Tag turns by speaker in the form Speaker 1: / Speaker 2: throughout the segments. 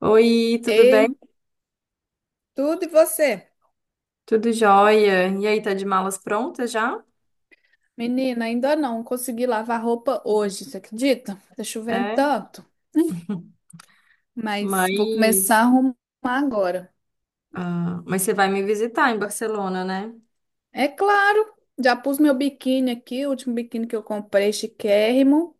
Speaker 1: Oi, tudo
Speaker 2: Ei,
Speaker 1: bem?
Speaker 2: tudo e você?
Speaker 1: Tudo jóia? E aí, tá de malas prontas já?
Speaker 2: Menina, ainda não consegui lavar roupa hoje, você acredita? Tá chovendo
Speaker 1: É,
Speaker 2: tanto, mas vou começar
Speaker 1: mas,
Speaker 2: a arrumar agora.
Speaker 1: ah, mas você vai me visitar em Barcelona, né?
Speaker 2: É claro, já pus meu biquíni aqui, o último biquíni que eu comprei, chiquérrimo.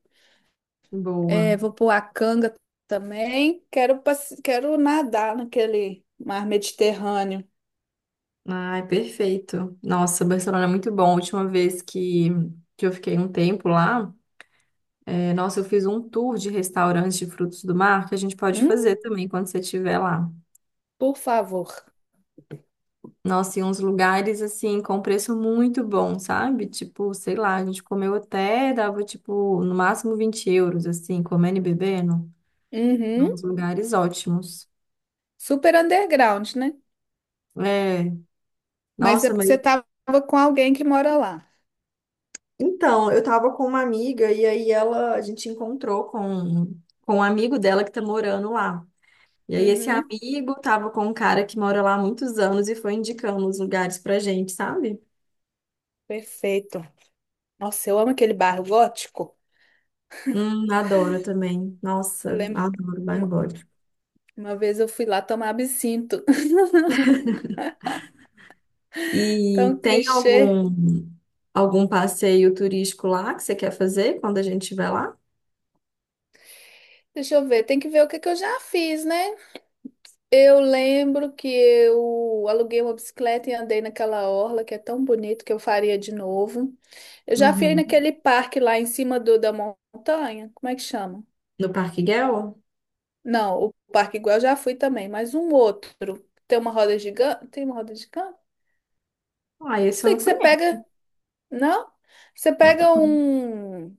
Speaker 1: Boa.
Speaker 2: É, vou pôr a canga também. Quero nadar naquele mar Mediterrâneo.
Speaker 1: Ai, perfeito. Nossa, Barcelona é muito bom. A última vez que eu fiquei um tempo lá, nossa, eu fiz um tour de restaurantes de frutos do mar que a gente pode
Speaker 2: Hum,
Speaker 1: fazer também quando você estiver lá.
Speaker 2: por favor.
Speaker 1: Nossa, e uns lugares assim com preço muito bom, sabe? Tipo, sei lá, a gente comeu até, dava tipo, no máximo 20 euros, assim, comendo e bebendo.
Speaker 2: Uhum.
Speaker 1: Uns lugares ótimos.
Speaker 2: Super underground, né?
Speaker 1: É,
Speaker 2: Mas é
Speaker 1: nossa,
Speaker 2: porque você
Speaker 1: mas.
Speaker 2: tava com alguém que mora lá.
Speaker 1: Então, eu tava com uma amiga e aí a gente encontrou com um amigo dela que tá morando lá. E aí esse
Speaker 2: Uhum.
Speaker 1: amigo tava com um cara que mora lá há muitos anos e foi indicando os lugares pra gente, sabe?
Speaker 2: Perfeito. Nossa, eu amo aquele bar gótico.
Speaker 1: Adoro também. Nossa,
Speaker 2: Eu lembro que
Speaker 1: adoro bairro.
Speaker 2: uma, uma vez eu fui lá tomar absinto.
Speaker 1: E
Speaker 2: Tão
Speaker 1: tem
Speaker 2: clichê.
Speaker 1: algum passeio turístico lá que você quer fazer quando a gente estiver lá?
Speaker 2: Deixa eu ver, tem que ver o que que eu já fiz, né? Eu lembro que eu aluguei uma bicicleta e andei naquela orla que é tão bonito que eu faria de novo. Eu já fui
Speaker 1: Uhum.
Speaker 2: naquele parque lá em cima da montanha. Como é que chama?
Speaker 1: No Parque Gel?
Speaker 2: Não, o parque igual eu já fui também, mas um outro. Tem uma roda gigante? Tem uma roda gigante?
Speaker 1: Ah,
Speaker 2: Não
Speaker 1: esse eu
Speaker 2: sei
Speaker 1: não
Speaker 2: que você
Speaker 1: conheço.
Speaker 2: pega. Não? Você pega um.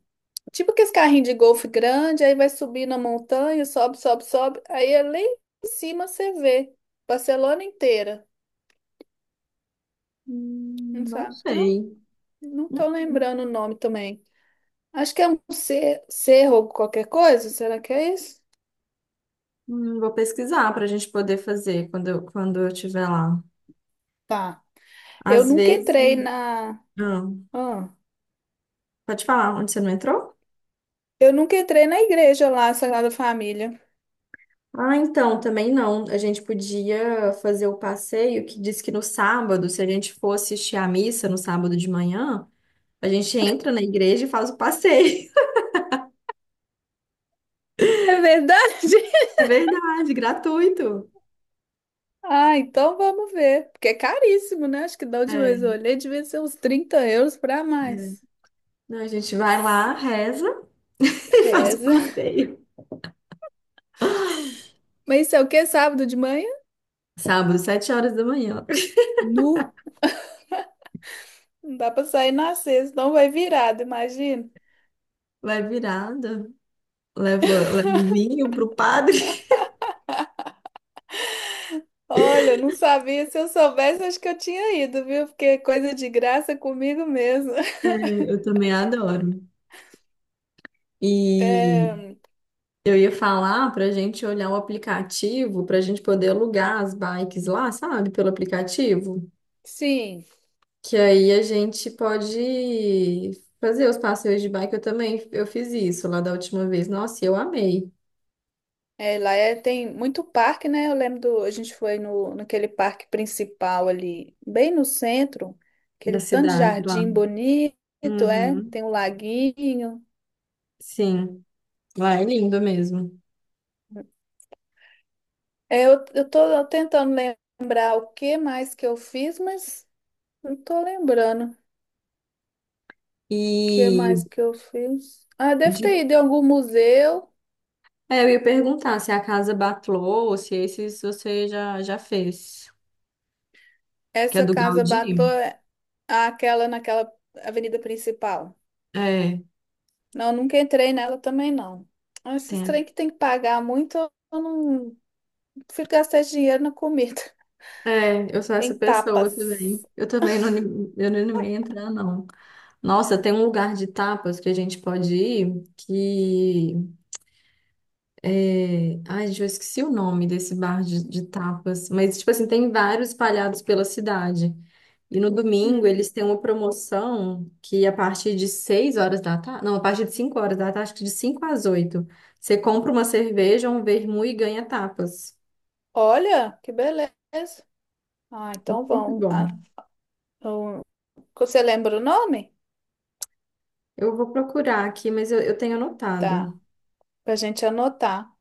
Speaker 2: Tipo que esse carrinho de golfe grande, aí vai subir na montanha, sobe, sobe, sobe. Aí é lá em cima você vê Barcelona inteira. Não
Speaker 1: Não
Speaker 2: sabe? Não,
Speaker 1: sei.
Speaker 2: não tô
Speaker 1: Hum,
Speaker 2: lembrando o nome também. Acho que é um cerro ou qualquer coisa. Será que é isso?
Speaker 1: hum. Vou pesquisar para a gente poder fazer quando eu estiver lá.
Speaker 2: Tá. Eu
Speaker 1: Às
Speaker 2: nunca
Speaker 1: vezes.
Speaker 2: entrei na.
Speaker 1: Ah,
Speaker 2: Ah,
Speaker 1: pode falar, onde você não entrou?
Speaker 2: eu nunca entrei na igreja lá, Sagrada Família.
Speaker 1: Ah, então, também não. A gente podia fazer o passeio que diz que no sábado, se a gente for assistir à missa no sábado de manhã, a gente entra na igreja e faz o passeio.
Speaker 2: É verdade?
Speaker 1: É verdade, gratuito.
Speaker 2: Ah, então vamos ver. Porque é caríssimo, né? Acho que da última vez eu
Speaker 1: É.
Speaker 2: olhei, devia ser uns €30 para mais.
Speaker 1: Não, a gente vai lá, reza e faz o
Speaker 2: Reza.
Speaker 1: passeio.
Speaker 2: Mas isso é o quê? Sábado de manhã?
Speaker 1: Sábado, 7 horas da manhã.
Speaker 2: Nu. Não dá pra sair na sexta, não vai virado, imagina.
Speaker 1: Vai virada, leva o vinho pro padre.
Speaker 2: Olha, eu não sabia. Se eu soubesse, acho que eu tinha ido, viu? Porque é coisa de graça comigo mesmo.
Speaker 1: É, eu também adoro.
Speaker 2: É,
Speaker 1: E eu ia falar pra gente olhar o aplicativo, pra gente poder alugar as bikes lá, sabe, pelo aplicativo.
Speaker 2: sim,
Speaker 1: Que aí a gente pode fazer os passeios de bike. Eu também, eu fiz isso lá da última vez. Nossa, e eu amei
Speaker 2: é, tem muito parque, né? Eu lembro a gente foi no, naquele parque principal ali, bem no centro,
Speaker 1: da
Speaker 2: aquele tanto de
Speaker 1: cidade lá.
Speaker 2: jardim bonito, é,
Speaker 1: Uhum.
Speaker 2: tem um laguinho.
Speaker 1: Sim, lá é lindo mesmo.
Speaker 2: É, eu tô tentando lembrar o que mais que eu fiz, mas não tô lembrando. Que
Speaker 1: E
Speaker 2: mais que eu fiz? Ah, deve ter
Speaker 1: de...
Speaker 2: ido em algum museu.
Speaker 1: eu ia perguntar se a casa Batlô ou se esses você já fez. Que é
Speaker 2: Essa
Speaker 1: do
Speaker 2: casa Batlló,
Speaker 1: Gaudí?
Speaker 2: é aquela naquela avenida principal.
Speaker 1: É,
Speaker 2: Não, nunca entrei nela também, não. Ah, esses
Speaker 1: tem.
Speaker 2: trem que tem que pagar muito, eu não prefiro gastar esse dinheiro na comida,
Speaker 1: É, eu sou essa
Speaker 2: em
Speaker 1: pessoa também.
Speaker 2: tapas.
Speaker 1: Eu também não, eu não animei a entrar, não. Nossa, tem um lugar de tapas que a gente pode ir que. Ai, gente, eu esqueci o nome desse bar de tapas. Mas, tipo assim, tem vários espalhados pela cidade. E no domingo
Speaker 2: Hum.
Speaker 1: eles têm uma promoção que a partir de 6 horas da tarde, não, a partir de 5 horas da tarde, acho que de 5 às 8, você compra uma cerveja, um vermute e ganha tapas.
Speaker 2: Olha, que beleza. Ah, então
Speaker 1: Muito
Speaker 2: vão. Ah,
Speaker 1: bom.
Speaker 2: eu- você lembra o nome?
Speaker 1: Eu vou procurar aqui, mas eu tenho
Speaker 2: Tá,
Speaker 1: anotado.
Speaker 2: pra gente anotar.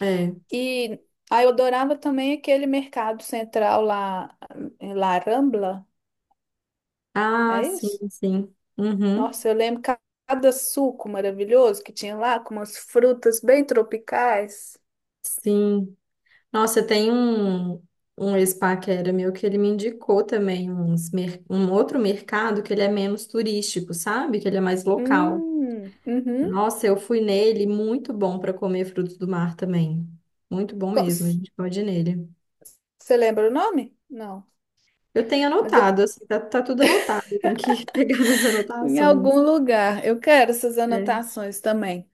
Speaker 1: É.
Speaker 2: E aí eu adorava também aquele mercado central lá, lá Rambla,
Speaker 1: Ah,
Speaker 2: é isso?
Speaker 1: sim, sim. Uhum.
Speaker 2: Nossa, eu lembro cada suco maravilhoso que tinha lá, com umas frutas bem tropicais.
Speaker 1: Sim. Nossa, tem um ex-pá que era meu que ele me indicou também um outro mercado que ele é menos turístico, sabe? Que ele é mais local.
Speaker 2: Uhum.
Speaker 1: Nossa, eu fui nele, muito bom para comer frutos do mar também. Muito bom
Speaker 2: Co-
Speaker 1: mesmo, a gente pode ir nele.
Speaker 2: Você lembra o nome? Não.
Speaker 1: Eu tenho
Speaker 2: Mas
Speaker 1: anotado, assim, tá tudo anotado, tem que pegar minhas
Speaker 2: em
Speaker 1: anotações.
Speaker 2: algum lugar. Eu quero essas
Speaker 1: É.
Speaker 2: anotações também.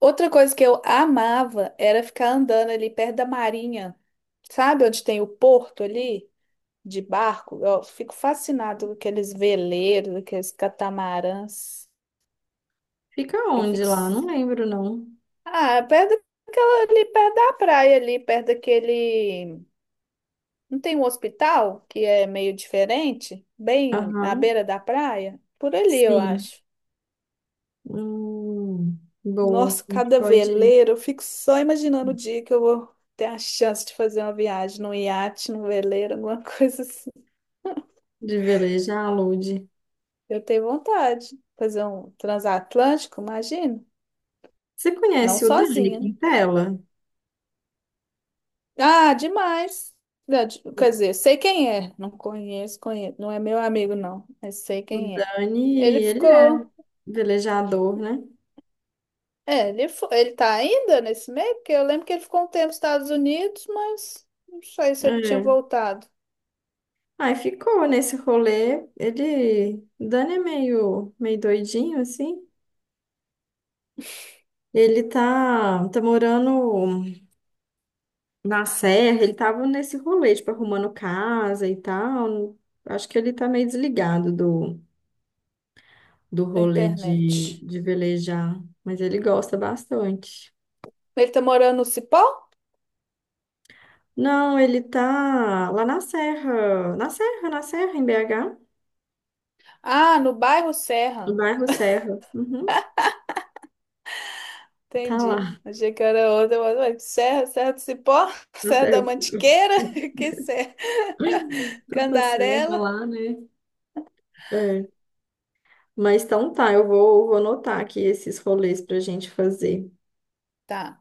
Speaker 2: Outra coisa que eu amava era ficar andando ali perto da marinha. Sabe onde tem o porto ali? De barco, eu fico fascinado com aqueles veleiros, aqueles catamarãs.
Speaker 1: Fica
Speaker 2: Eu
Speaker 1: onde
Speaker 2: fico.
Speaker 1: lá? Não lembro, não.
Speaker 2: Ah, é perto daquela ali, perto da praia, ali, perto daquele. Não tem um hospital que é meio diferente? Bem na
Speaker 1: Aham,
Speaker 2: beira da praia? Por ali, eu
Speaker 1: sim.
Speaker 2: acho.
Speaker 1: Hum, boa,
Speaker 2: Nossa,
Speaker 1: a gente
Speaker 2: cada
Speaker 1: pode ir
Speaker 2: veleiro, eu fico só imaginando o dia que eu vou ter a chance de fazer uma viagem num iate, num veleiro, alguma coisa assim.
Speaker 1: de velejar, Lud.
Speaker 2: Eu tenho vontade. Fazer um transatlântico, imagino.
Speaker 1: Você
Speaker 2: Não
Speaker 1: conhece o Dani
Speaker 2: sozinha.
Speaker 1: Quintela?
Speaker 2: Ah, demais. Quer dizer, sei quem é. Não conheço, conheço. Não é meu amigo, não. Mas sei
Speaker 1: O
Speaker 2: quem é.
Speaker 1: Dani,
Speaker 2: Ele
Speaker 1: ele é
Speaker 2: ficou.
Speaker 1: velejador, né?
Speaker 2: É, ele tá ainda nesse meio? Porque eu lembro que ele ficou um tempo nos Estados Unidos, mas não sei se ele tinha
Speaker 1: É.
Speaker 2: voltado
Speaker 1: Aí ficou nesse rolê. Ele, o Dani é meio doidinho, assim. Ele tá morando na serra, ele tava nesse rolê, tipo, arrumando casa e tal. Acho que ele tá meio desligado do
Speaker 2: pra
Speaker 1: rolê
Speaker 2: internet.
Speaker 1: de velejar, mas ele gosta bastante.
Speaker 2: Ele tá morando no Cipó?
Speaker 1: Não, ele tá lá na serra, na serra, na serra, em BH,
Speaker 2: Ah, no bairro
Speaker 1: no
Speaker 2: Serra.
Speaker 1: bairro Serra. Uhum, tá
Speaker 2: Entendi.
Speaker 1: lá,
Speaker 2: Achei que era outra, mas ué, Serra, Serra do Cipó,
Speaker 1: na
Speaker 2: Serra da
Speaker 1: serra.
Speaker 2: Mantiqueira, que Serra?
Speaker 1: Tanta serra
Speaker 2: Candarela.
Speaker 1: lá, né? É. Mas então tá, eu vou anotar aqui esses rolês pra gente fazer.
Speaker 2: Tá.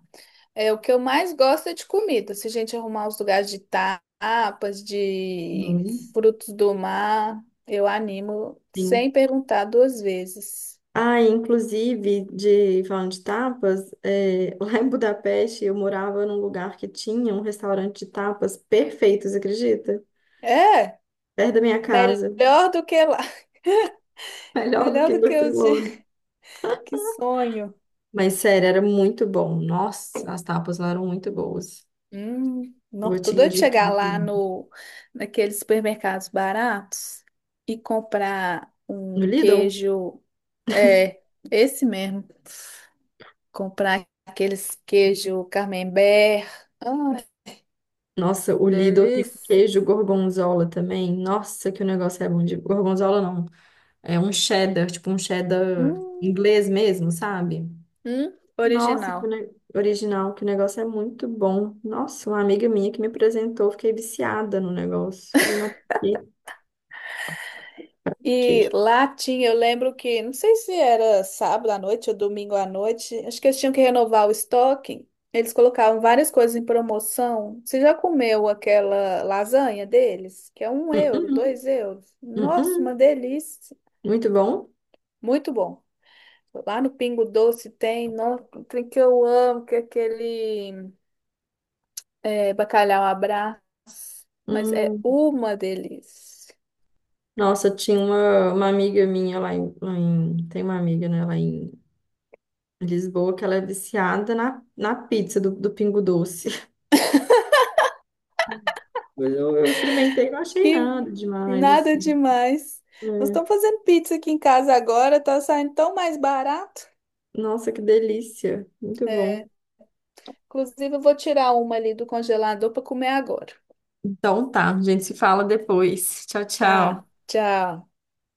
Speaker 2: É o que eu mais gosto é de comida. Se a gente arrumar os lugares de tapas, de
Speaker 1: Uhum.
Speaker 2: frutos do mar, eu animo
Speaker 1: Sim.
Speaker 2: sem perguntar duas vezes.
Speaker 1: Ah, inclusive, falando de tapas, lá em Budapeste eu morava num lugar que tinha um restaurante de tapas perfeitos, acredita?
Speaker 2: É,
Speaker 1: Perto da minha casa.
Speaker 2: melhor do que lá.
Speaker 1: Melhor do
Speaker 2: Melhor
Speaker 1: que em
Speaker 2: do que eu de...
Speaker 1: Barcelona.
Speaker 2: que sonho.
Speaker 1: Mas sério, era muito bom. Nossa, as tapas lá eram muito boas.
Speaker 2: Não,
Speaker 1: Vou
Speaker 2: tô
Speaker 1: te
Speaker 2: doido de chegar
Speaker 1: indicar
Speaker 2: lá
Speaker 1: também.
Speaker 2: no naqueles supermercados baratos e comprar um
Speaker 1: No Lidl?
Speaker 2: queijo, é, esse mesmo, comprar aqueles queijo Camembert. Ah,
Speaker 1: Nossa, o Lidl tem um
Speaker 2: delícia.
Speaker 1: queijo gorgonzola também. Nossa, que o negócio é bom de gorgonzola, não. É um cheddar, tipo um cheddar
Speaker 2: Hum,
Speaker 1: inglês mesmo, sabe? Nossa, que
Speaker 2: original.
Speaker 1: original, que o negócio é muito bom. Nossa, uma amiga minha que me apresentou, fiquei viciada no negócio. Falei, não, que,
Speaker 2: E
Speaker 1: que?
Speaker 2: lá tinha, eu lembro que, não sei se era sábado à noite ou domingo à noite, acho que eles tinham que renovar o estoque. Eles colocavam várias coisas em promoção. Você já comeu aquela lasanha deles? Que é um
Speaker 1: Hum,
Speaker 2: euro,
Speaker 1: hum,
Speaker 2: €2.
Speaker 1: hum,
Speaker 2: Nossa,
Speaker 1: hum.
Speaker 2: uma delícia.
Speaker 1: Muito bom.
Speaker 2: Muito bom. Lá no Pingo Doce tem, nossa, tem que eu amo, que é aquele bacalhau à Brás. Mas é
Speaker 1: Hum.
Speaker 2: uma delícia.
Speaker 1: Nossa, tinha uma amiga minha Tem uma amiga, né, lá em Lisboa, que ela é viciada na pizza do Pingo Doce. Mas eu experimentei, não achei nada
Speaker 2: Que
Speaker 1: demais,
Speaker 2: nada
Speaker 1: assim.
Speaker 2: demais. Nós estamos
Speaker 1: É.
Speaker 2: fazendo pizza aqui em casa agora, tá saindo tão mais barato.
Speaker 1: Nossa, que delícia. Muito
Speaker 2: É,
Speaker 1: bom.
Speaker 2: inclusive, eu vou tirar uma ali do congelador para comer agora.
Speaker 1: Então tá, a gente se fala depois. Tchau,
Speaker 2: Tá,
Speaker 1: tchau.
Speaker 2: tchau.